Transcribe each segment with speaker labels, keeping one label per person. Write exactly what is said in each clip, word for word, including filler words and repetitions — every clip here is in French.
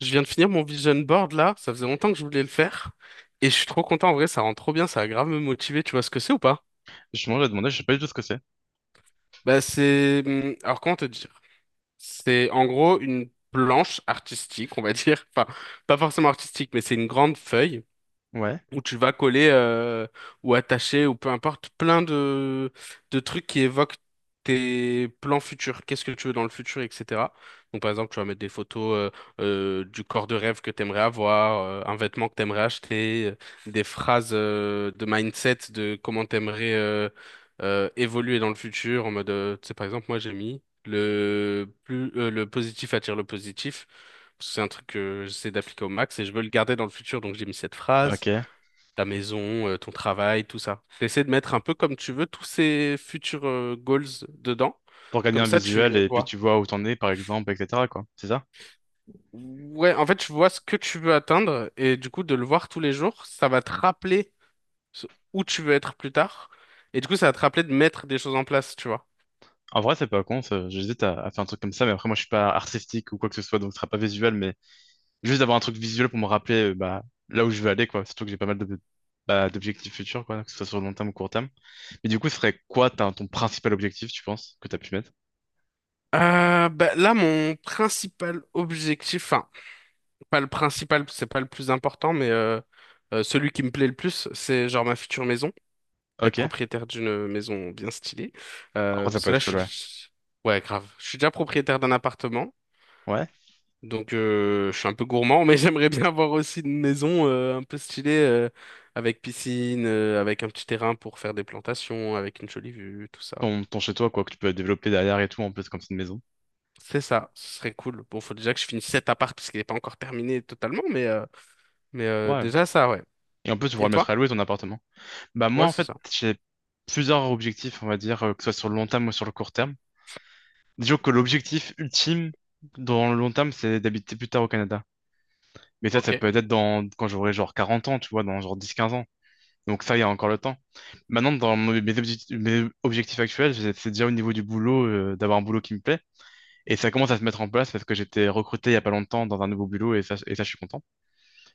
Speaker 1: Je viens de finir mon vision board là, ça faisait longtemps que je voulais le faire. Et je suis trop content, en vrai, ça rend trop bien, ça va grave me motiver, tu vois ce que c'est ou pas?
Speaker 2: Je m'en ai demandé, je sais pas du tout ce que c'est.
Speaker 1: Bah, c'est... hum, Alors comment te dire? C'est en gros une planche artistique, on va dire. Enfin, pas forcément artistique, mais c'est une grande feuille
Speaker 2: Ouais.
Speaker 1: où tu vas coller euh, ou attacher ou peu importe plein de, de trucs qui évoquent tes plans futurs, qu'est-ce que tu veux dans le futur, et cetera. Donc par exemple, tu vas mettre des photos euh, euh, du corps de rêve que tu aimerais avoir, euh, un vêtement que tu aimerais acheter, euh, des phrases euh, de mindset de comment tu aimerais évoluer dans le futur en mode euh, tu sais par exemple, moi j'ai mis Le, plus, euh, le positif attire le positif, parce que c'est un truc que j'essaie d'appliquer au max et je veux le garder dans le futur, donc j'ai mis cette phrase.
Speaker 2: Ok.
Speaker 1: Ta maison, euh, ton travail, tout ça. Essaie de mettre un peu comme tu veux tous ces futurs euh, goals dedans.
Speaker 2: Pour gagner
Speaker 1: Comme
Speaker 2: un
Speaker 1: ça, tu
Speaker 2: visuel
Speaker 1: le
Speaker 2: et puis
Speaker 1: vois.
Speaker 2: tu vois où t'en es, par exemple, et cetera quoi. C'est ça?
Speaker 1: Ouais, en fait, tu vois ce que tu veux atteindre et du coup, de le voir tous les jours, ça va te rappeler ce- où tu veux être plus tard. Et du coup, ça va te rappeler de mettre des choses en place, tu vois.
Speaker 2: En vrai, c'est pas con, ça. J'hésite à, à faire un truc comme ça, mais après, moi, je suis pas artistique ou quoi que ce soit, donc ce sera pas visuel, mais juste d'avoir un truc visuel pour me rappeler, euh, bah, là où je veux aller, quoi. Surtout que j'ai pas mal de, bah, d'objectifs futurs, quoi, que ce soit sur le long terme ou court terme. Mais du coup, ce serait quoi ta- ton principal objectif, tu penses, que t'as pu mettre?
Speaker 1: Euh, bah, là, mon principal objectif, enfin, pas le principal, c'est pas le plus important, mais euh, euh, celui qui me plaît le plus, c'est genre ma future maison. Être
Speaker 2: Ok.
Speaker 1: propriétaire d'une maison bien stylée.
Speaker 2: En
Speaker 1: Euh,
Speaker 2: vrai, ça
Speaker 1: parce
Speaker 2: peut
Speaker 1: que là,
Speaker 2: être cool,
Speaker 1: je
Speaker 2: ouais.
Speaker 1: suis... Ouais, grave. Je suis déjà propriétaire d'un appartement,
Speaker 2: Ouais.
Speaker 1: donc euh, je suis un peu gourmand, mais j'aimerais bien avoir aussi une maison euh, un peu stylée, euh, avec piscine, euh, avec un petit terrain pour faire des plantations, avec une jolie vue, tout ça.
Speaker 2: Ton, ton chez-toi, quoi, que tu peux développer derrière et tout, en plus, comme c'est une maison.
Speaker 1: C'est ça, ce serait cool. Bon, faut déjà que je finisse cet appart, parce qu'il n'est pas encore terminé totalement, mais, euh, mais euh,
Speaker 2: Ouais.
Speaker 1: déjà ça, ouais.
Speaker 2: Et en plus, tu pourras
Speaker 1: Et
Speaker 2: le mettre
Speaker 1: toi?
Speaker 2: à louer ton appartement. Bah moi
Speaker 1: Ouais,
Speaker 2: en
Speaker 1: c'est
Speaker 2: fait
Speaker 1: ça.
Speaker 2: j'ai plusieurs objectifs on va dire euh, que ce soit sur le long terme ou sur le court terme. Disons que l'objectif ultime dans le long terme c'est d'habiter plus tard au Canada. Mais ça ça
Speaker 1: Ok.
Speaker 2: peut être dans quand j'aurai genre quarante ans, tu vois, dans genre dix quinze ans. Donc ça il y a encore le temps. Maintenant dans mes mes objectifs, mes objectifs actuels, j'ai- c'est déjà au niveau du boulot euh, d'avoir un boulot qui me plaît et ça commence à se mettre en place parce que j'étais recruté il y a pas longtemps dans un nouveau boulot et ça et ça je suis content.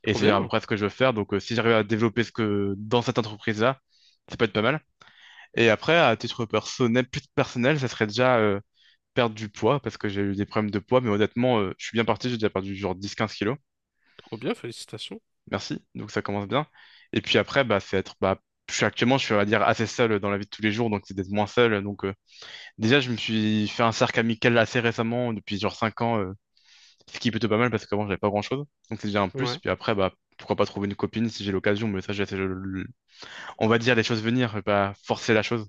Speaker 2: Et
Speaker 1: Trop
Speaker 2: c'est à peu
Speaker 1: bien,
Speaker 2: près ce que je veux faire donc euh, si j'arrive à développer ce que dans cette entreprise-là, ça peut être pas mal. Et après, à titre personnel, plus personnel, ça serait déjà euh, perdre du poids, parce que j'ai eu des problèmes de poids, mais honnêtement, euh, je suis bien parti, j'ai déjà perdu genre dix quinze kilos.
Speaker 1: trop bien, félicitations.
Speaker 2: Merci, donc ça commence bien. Et puis après, bah, c'est être, bah, je suis actuellement, je suis, on va dire, assez seul dans la vie de tous les jours, donc c'est d'être moins seul. Donc euh, déjà, je me suis fait un cercle amical assez récemment, depuis genre cinq ans, euh, ce qui est plutôt pas mal, parce qu'avant, j'avais pas grand-chose. Donc c'est déjà un plus.
Speaker 1: Ouais.
Speaker 2: Puis après, bah, pourquoi pas trouver une copine si j'ai l'occasion, mais ça, je, je- je- on va dire les choses venir, et pas forcer la chose.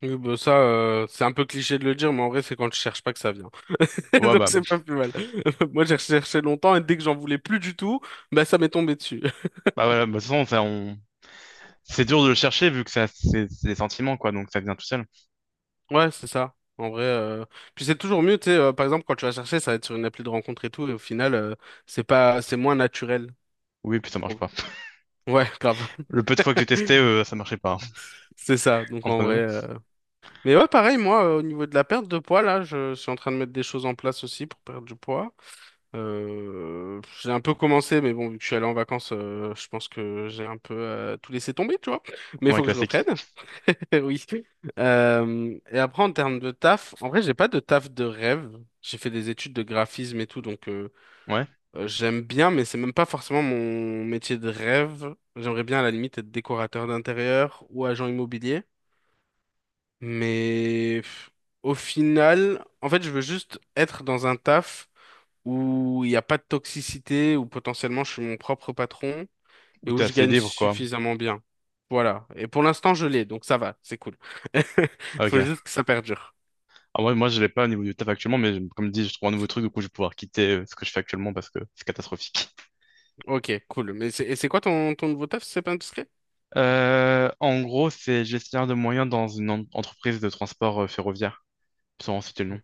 Speaker 1: Oui, bah ça, euh, c'est un peu cliché de le dire, mais en vrai, c'est quand je cherche pas que ça vient.
Speaker 2: Ouais,
Speaker 1: Donc,
Speaker 2: bah,
Speaker 1: c'est pas plus mal. Moi, j'ai recherché longtemps et dès que j'en voulais plus du tout, bah, ça m'est tombé dessus.
Speaker 2: bah voilà, bah, de toute façon, ça, on, c'est dur de le chercher vu que ça, c'est c'est des sentiments, quoi, donc ça vient tout seul.
Speaker 1: Ouais, c'est ça. En vrai, euh, puis c'est toujours mieux, tu sais, euh, par exemple, quand tu vas chercher, ça va être sur une appli de rencontre et tout, et au final, euh, c'est pas, c'est moins naturel,
Speaker 2: Oui, puis ça
Speaker 1: je
Speaker 2: marche
Speaker 1: trouve.
Speaker 2: pas.
Speaker 1: Ouais, grave.
Speaker 2: Le peu de fois que j'ai testé, euh, ça marchait pas, hein,
Speaker 1: C'est ça. Donc, en
Speaker 2: entre
Speaker 1: vrai,
Speaker 2: nous.
Speaker 1: euh, mais ouais, pareil, moi, euh, au niveau de la perte de poids, là, je suis en train de mettre des choses en place aussi pour perdre du poids. Euh, j'ai un peu commencé, mais bon, vu que je suis allé en vacances, euh, je pense que j'ai un peu euh, tout laissé tomber, tu vois. Mais il
Speaker 2: Ouais,
Speaker 1: faut que je reprenne.
Speaker 2: classique.
Speaker 1: Oui. Euh, et après, en termes de taf, en vrai, j'ai pas de taf de rêve. J'ai fait des études de graphisme et tout, donc euh,
Speaker 2: Ouais.
Speaker 1: euh, j'aime bien, mais c'est même pas forcément mon métier de rêve. J'aimerais bien, à la limite, être décorateur d'intérieur ou agent immobilier. Mais pff, au final, en fait, je veux juste être dans un taf où il n'y a pas de toxicité, où potentiellement je suis mon propre patron
Speaker 2: Ou
Speaker 1: et où
Speaker 2: t'es
Speaker 1: je
Speaker 2: assez
Speaker 1: gagne
Speaker 2: libre, quoi.
Speaker 1: suffisamment bien. Voilà. Et pour l'instant, je l'ai, donc ça va, c'est cool.
Speaker 2: Ah,
Speaker 1: Faut
Speaker 2: ok.
Speaker 1: juste que ça perdure.
Speaker 2: Ah, ouais, moi, je l'ai pas au niveau du taf actuellement, mais je- comme dit, je trouve un nouveau truc, du coup, je vais pouvoir quitter euh, ce que je fais actuellement parce que c'est catastrophique.
Speaker 1: Ok, cool. Mais c'est, et c'est quoi ton, ton nouveau taf, si c'est pas indiscret?
Speaker 2: Euh, en gros, c'est gestionnaire de moyens dans une en- entreprise de transport euh, ferroviaire. Sans en citer le nom.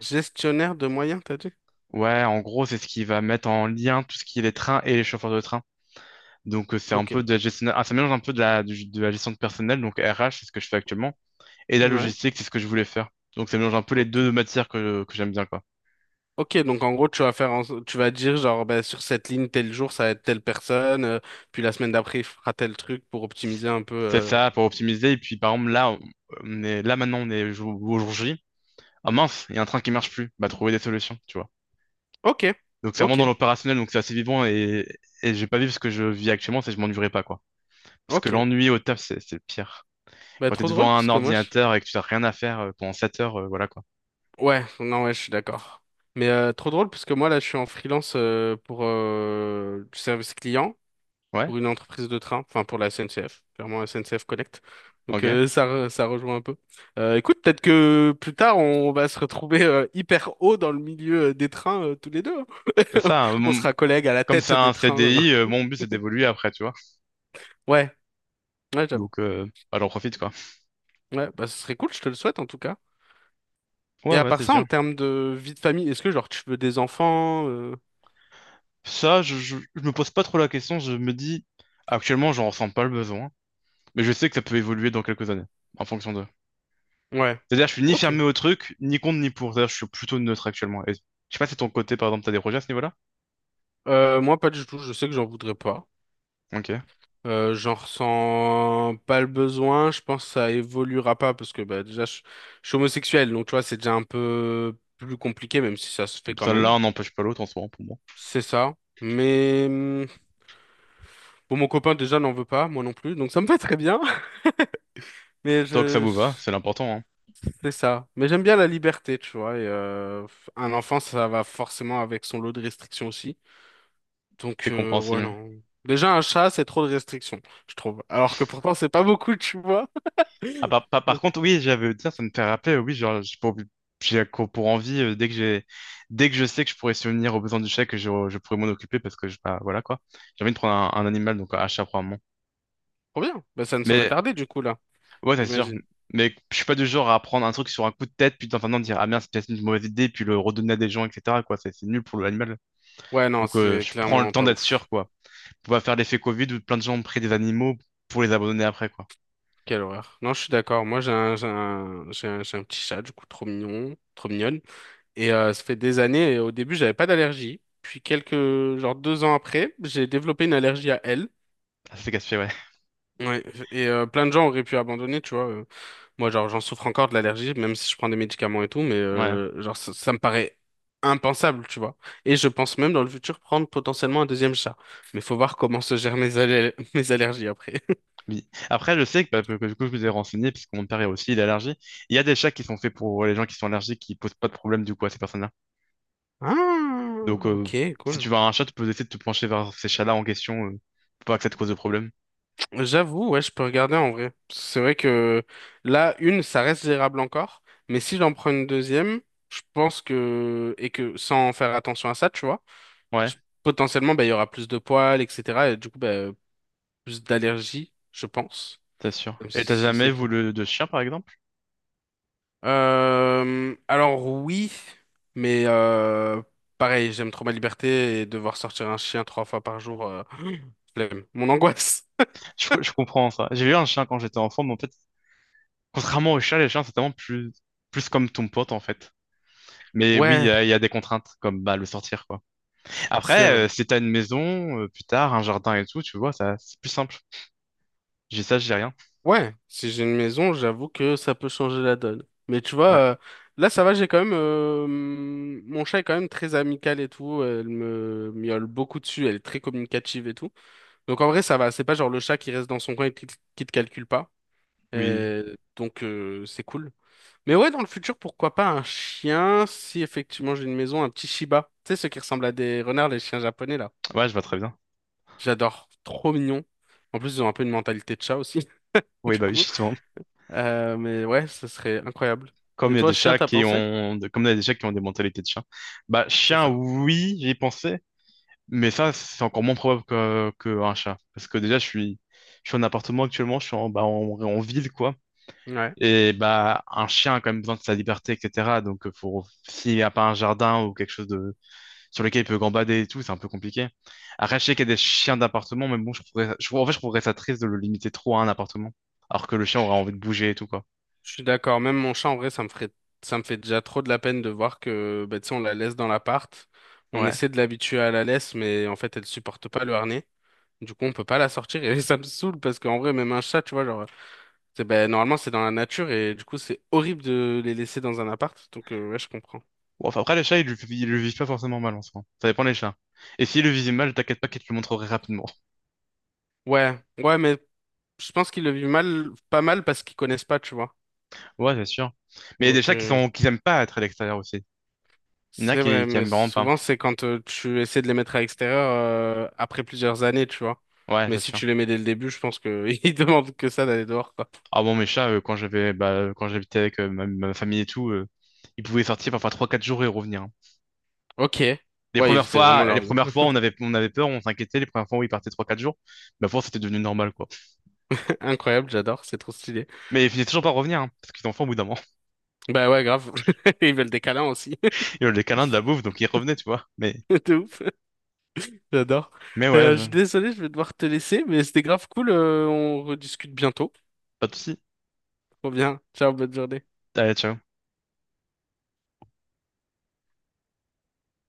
Speaker 1: Gestionnaire de moyens, t'as dit?
Speaker 2: Ouais, en gros, c'est ce qui va mettre en lien tout ce qui est les trains et les chauffeurs de train. Donc, euh, c'est un
Speaker 1: Ok.
Speaker 2: peu de la gestion, ah, ça mélange un peu de la, du- de la gestion de personnel, donc R H, c'est ce que je fais actuellement, et la
Speaker 1: Ouais.
Speaker 2: logistique, c'est ce que je voulais faire. Donc, ça mélange un peu les deux
Speaker 1: Ok.
Speaker 2: matières que, que j'aime bien, quoi.
Speaker 1: Ok, donc en gros, tu vas faire en so- tu vas dire genre bah, sur cette ligne, tel jour, ça va être telle personne, euh, puis la semaine d'après, il fera tel truc pour optimiser un peu.
Speaker 2: C'est
Speaker 1: euh.
Speaker 2: ça, pour optimiser. Et puis, par exemple, là, on on est, là, maintenant, on est jour- au jour J. Ah mince, il y a un train qui marche plus. Bah, trouver des solutions, tu vois.
Speaker 1: Ok.
Speaker 2: Donc, c'est vraiment
Speaker 1: Ok.
Speaker 2: dans l'opérationnel, donc c'est assez vivant et, et j'ai pas vu ce que je vis actuellement, c'est que je m'ennuierai pas, quoi. Parce que
Speaker 1: Ok.
Speaker 2: l'ennui au taf, c'est c'est pire.
Speaker 1: Bah
Speaker 2: Quand tu es
Speaker 1: trop drôle
Speaker 2: devant un
Speaker 1: parce que moi, je...
Speaker 2: ordinateur et que tu n'as rien à faire euh, pendant sept heures, euh, voilà quoi.
Speaker 1: Ouais, non, ouais, je suis d'accord. Mais euh, trop drôle parce que moi là, je suis en freelance euh, pour euh, du service client
Speaker 2: Ouais,
Speaker 1: pour une entreprise de train, enfin pour la S N C F, clairement S N C F Connect. Donc
Speaker 2: ok.
Speaker 1: euh, ça, re- ça rejoint un peu. Euh, écoute, peut-être que plus tard on va se retrouver euh, hyper haut dans le milieu euh, des trains euh, tous les deux,
Speaker 2: C'est
Speaker 1: hein.
Speaker 2: ça. euh,
Speaker 1: On
Speaker 2: mon-
Speaker 1: sera collègues à la
Speaker 2: Comme c'est
Speaker 1: tête des
Speaker 2: un
Speaker 1: trains.
Speaker 2: C D I, euh,
Speaker 1: euh.
Speaker 2: mon but c'est d'évoluer après, tu vois.
Speaker 1: Ouais, ouais, j'avoue.
Speaker 2: Donc, euh, bah, j'en profite quoi.
Speaker 1: Ouais, bah ce serait cool, je te le souhaite en tout cas.
Speaker 2: Ouais,
Speaker 1: Et à
Speaker 2: ouais,
Speaker 1: part
Speaker 2: c'est
Speaker 1: ça, en
Speaker 2: sûr.
Speaker 1: termes de vie de famille, est-ce que genre tu veux des enfants? euh,
Speaker 2: Ça, je, je, je me pose pas trop la question. Je me dis, actuellement, j'en ressens pas le besoin. Mais je sais que ça peut évoluer dans quelques années, en fonction de.
Speaker 1: Ouais.
Speaker 2: C'est-à-dire, je suis ni
Speaker 1: Ok.
Speaker 2: fermé au truc, ni contre, ni pour. C'est-à-dire, je suis plutôt neutre actuellement. Et je sais pas si ton côté, par exemple, t'as des projets à ce niveau-là?
Speaker 1: Euh, moi, pas du tout. Je sais que j'en voudrais pas.
Speaker 2: Ok.
Speaker 1: Euh, j'en ressens pas le besoin. Je pense que ça évoluera pas parce que bah, déjà, je, je suis homosexuel. Donc, tu vois, c'est déjà un peu plus compliqué, même si ça se fait quand
Speaker 2: Ça,
Speaker 1: même.
Speaker 2: l'un n'empêche pas l'autre en ce moment, pour moi.
Speaker 1: C'est ça. Mais hum, bon, mon copain déjà n'en veut pas, moi non plus. Donc, ça me va très bien. Mais
Speaker 2: Tant que ça
Speaker 1: je,
Speaker 2: vous va,
Speaker 1: je-
Speaker 2: c'est l'important, hein.
Speaker 1: c'est ça. Mais j'aime bien la liberté, tu vois. Et, euh, un enfant, ça va forcément avec son lot de restrictions aussi. Donc,
Speaker 2: C'est
Speaker 1: euh, ouais,
Speaker 2: compréhensible.
Speaker 1: non. Déjà, un chat, c'est trop de restrictions je trouve. Alors que pourtant, c'est pas beaucoup, tu vois.
Speaker 2: Ah, par, par, par
Speaker 1: Donc,
Speaker 2: contre, oui, j'avais dire, ça me fait rappeler, euh, oui, genre, j'ai pour, j'ai co- pour envie, euh, dès que j'ai, dès que je sais que je pourrais subvenir aux besoins du chèque, je, je pourrais m'en occuper parce que, je, bah, voilà, quoi. J'ai envie de prendre un, un animal, donc un chat, probablement.
Speaker 1: trop bien. Bah, ça ne saurait
Speaker 2: Mais,
Speaker 1: tarder du coup là,
Speaker 2: ouais, c'est sûr.
Speaker 1: j'imagine.
Speaker 2: Mais je suis pas du genre à prendre un truc sur un coup de tête, puis enfin, non, dire, ah merde, c'est peut-être une mauvaise idée, puis le redonner à des gens, et cetera, quoi. C'est c'est nul pour l'animal.
Speaker 1: Ouais, non,
Speaker 2: Donc, euh,
Speaker 1: c'est
Speaker 2: je prends le
Speaker 1: clairement
Speaker 2: temps
Speaker 1: pas
Speaker 2: d'être
Speaker 1: ouf.
Speaker 2: sûr, quoi. On va faire l'effet Covid où plein de gens ont pris des animaux pour les abandonner après, quoi.
Speaker 1: Quelle horreur. Non, je suis d'accord. Moi, j'ai un, j'ai un, j'ai un, j'ai un petit chat, du coup, trop mignon, trop mignonne. Et euh, ça fait des années, et au début, j'avais pas d'allergie. Puis quelques, genre deux ans après, j'ai développé une allergie à elle.
Speaker 2: Ça, c'est casse-pied, ouais.
Speaker 1: Ouais. Et euh, plein de gens auraient pu abandonner, tu vois. euh, Moi, genre, j'en souffre encore de l'allergie, même si je prends des médicaments et tout, mais
Speaker 2: Ouais.
Speaker 1: euh, genre, ça, ça me paraît impensable, tu vois. Et je pense même dans le futur prendre potentiellement un deuxième chat. Mais faut voir comment se gèrent mes, aller- mes allergies après.
Speaker 2: Oui. Après, je sais que, bah, que que du coup, je vous ai renseigné, puisque mon père est aussi il est allergique. Il y a des chats qui sont faits pour ouais, les gens qui sont allergiques, qui posent pas de problème du coup à ces personnes-là. Donc,
Speaker 1: Ah,
Speaker 2: euh,
Speaker 1: ok,
Speaker 2: si tu
Speaker 1: cool.
Speaker 2: vois un chat, tu peux essayer de te pencher vers ces chats-là en question, euh, pour pas que ça te cause de problème.
Speaker 1: J'avoue, ouais, je peux regarder en vrai. C'est vrai que là, une, ça reste gérable encore, mais si j'en prends une deuxième, je pense que, et que sans faire attention à ça, tu vois,
Speaker 2: Ouais,
Speaker 1: je- potentiellement, bah, il y aura plus de poils, et cetera. Et du coup, bah, plus d'allergies, je pense.
Speaker 2: t'es sûr.
Speaker 1: Même
Speaker 2: Et t'as
Speaker 1: si c'est
Speaker 2: jamais
Speaker 1: con.
Speaker 2: voulu de chien, par exemple?
Speaker 1: Euh, alors oui, mais euh, pareil, j'aime trop ma liberté et devoir sortir un chien trois fois par jour, euh, flemme. Mon angoisse.
Speaker 2: Je, je comprends ça. J'ai eu un chien quand j'étais enfant, mais en fait, contrairement aux chats, les chiens, c'est tellement plus, plus comme ton pote, en fait. Mais oui, il y,
Speaker 1: Ouais,
Speaker 2: a il y a des contraintes, comme bah, le sortir, quoi.
Speaker 1: c'est
Speaker 2: Après,
Speaker 1: vrai.
Speaker 2: euh, si t'as une maison, euh, plus tard, un jardin et tout, tu vois, ça, c'est plus simple. J'ai ça, j'ai rien.
Speaker 1: Ouais, si j'ai une maison, j'avoue que ça peut changer la donne. Mais tu vois,
Speaker 2: Ouais,
Speaker 1: euh, là ça va, j'ai quand même euh, mon chat est quand même très amical et tout. Elle me miaule beaucoup dessus, elle est très communicative et tout. Donc en vrai ça va, c'est pas genre le chat qui reste dans son coin et qui, qui te calcule pas.
Speaker 2: oui,
Speaker 1: Et donc euh, c'est cool. Mais ouais, dans le futur, pourquoi pas un chien si effectivement j'ai une maison, un petit Shiba. Tu sais, ceux qui ressemblent à des renards, les chiens japonais là.
Speaker 2: ouais, je vois très bien.
Speaker 1: J'adore, trop mignon. En plus, ils ont un peu une mentalité de chat aussi,
Speaker 2: Oui,
Speaker 1: du
Speaker 2: bah oui,
Speaker 1: coup.
Speaker 2: justement.
Speaker 1: Euh, mais ouais, ce serait incroyable.
Speaker 2: Comme
Speaker 1: Et
Speaker 2: il y a
Speaker 1: toi,
Speaker 2: des
Speaker 1: chien,
Speaker 2: chats
Speaker 1: t'as
Speaker 2: qui
Speaker 1: pensé?
Speaker 2: ont, de- comme il y a des chats qui ont des mentalités de chien. Bah,
Speaker 1: C'est
Speaker 2: chien,
Speaker 1: ça.
Speaker 2: oui, j'y ai pensé, mais ça, c'est encore moins probable que, qu'un chat. Parce que déjà, je suis, je suis en appartement actuellement, je suis en, bah, en, en ville, quoi.
Speaker 1: Ouais.
Speaker 2: Et bah, un chien a quand même besoin de sa liberté, et cetera. Donc, euh, faut, s'il n'y a pas un jardin ou quelque chose de, sur lesquels il peut gambader et tout, c'est un peu compliqué. Arracher qu'il y a des chiens d'appartement, mais bon, je trouverais, ça- je, en fait, je trouverais ça triste de le limiter trop à un appartement, alors que le chien aurait envie de bouger et tout, quoi.
Speaker 1: Je suis d'accord. Même mon chat, en vrai, ça me ferait, ça me fait déjà trop de la peine de voir que, bah, tu sais, on la laisse dans l'appart. On
Speaker 2: Ouais.
Speaker 1: essaie de l'habituer à la laisse, mais en fait, elle supporte pas le harnais. Du coup, on peut pas la sortir et ça me saoule parce qu'en vrai, même un chat, tu vois, genre. C'est, ben, normalement, c'est dans la nature et du coup, c'est horrible de les laisser dans un appart. Donc, euh, ouais, je comprends.
Speaker 2: Bon, enfin, après, les chats, ils, le- ils le vivent pas forcément mal en soi. Ça dépend des chats. Et s'ils le vivent mal, t'inquiète pas qu'ils te le montreraient rapidement.
Speaker 1: Ouais, ouais, mais je pense qu'ils le vivent mal, pas mal parce qu'ils connaissent pas, tu vois.
Speaker 2: Ouais, c'est sûr. Mais il y a des
Speaker 1: Donc,
Speaker 2: chats qui
Speaker 1: euh,
Speaker 2: sont, qui aiment pas être à l'extérieur aussi. Il y en a
Speaker 1: c'est
Speaker 2: qui,
Speaker 1: vrai,
Speaker 2: qui
Speaker 1: mais
Speaker 2: aiment vraiment pas.
Speaker 1: souvent, c'est quand euh, tu essaies de les mettre à l'extérieur euh, après plusieurs années, tu vois.
Speaker 2: Ouais,
Speaker 1: Mais
Speaker 2: c'est
Speaker 1: si
Speaker 2: sûr.
Speaker 1: tu les mets dès le début, je pense que ils demandent que ça d'aller dehors, quoi.
Speaker 2: Ah bon, mes chats, euh, quand j'avais, bah, quand j'habitais avec euh, ma, ma famille et tout, euh, ils pouvaient sortir parfois trois, quatre jours et revenir.
Speaker 1: Ok.
Speaker 2: Les
Speaker 1: Ouais, ils
Speaker 2: premières
Speaker 1: faisaient vraiment
Speaker 2: fois, les
Speaker 1: leur vie.
Speaker 2: premières fois, on avait, on avait peur, on s'inquiétait. Les premières fois où ils partaient trois quatre jours, bah, pour c'était devenu normal, quoi.
Speaker 1: Incroyable, j'adore, c'est trop stylé.
Speaker 2: Mais ils finissaient toujours par revenir, hein, parce qu'ils ont faim au bout d'un moment.
Speaker 1: Bah ouais, grave. Ils veulent des câlins aussi.
Speaker 2: Ils ont les câlins de la bouffe, donc ils revenaient, tu vois. Mais,
Speaker 1: De ouf. J'adore.
Speaker 2: mais ouais,
Speaker 1: Euh, je suis
Speaker 2: je-
Speaker 1: désolé, je vais devoir te laisser, mais c'était grave cool. Euh, on rediscute bientôt.
Speaker 2: pas de soucis.
Speaker 1: Trop bien. Ciao, bonne journée.
Speaker 2: Allez, ciao.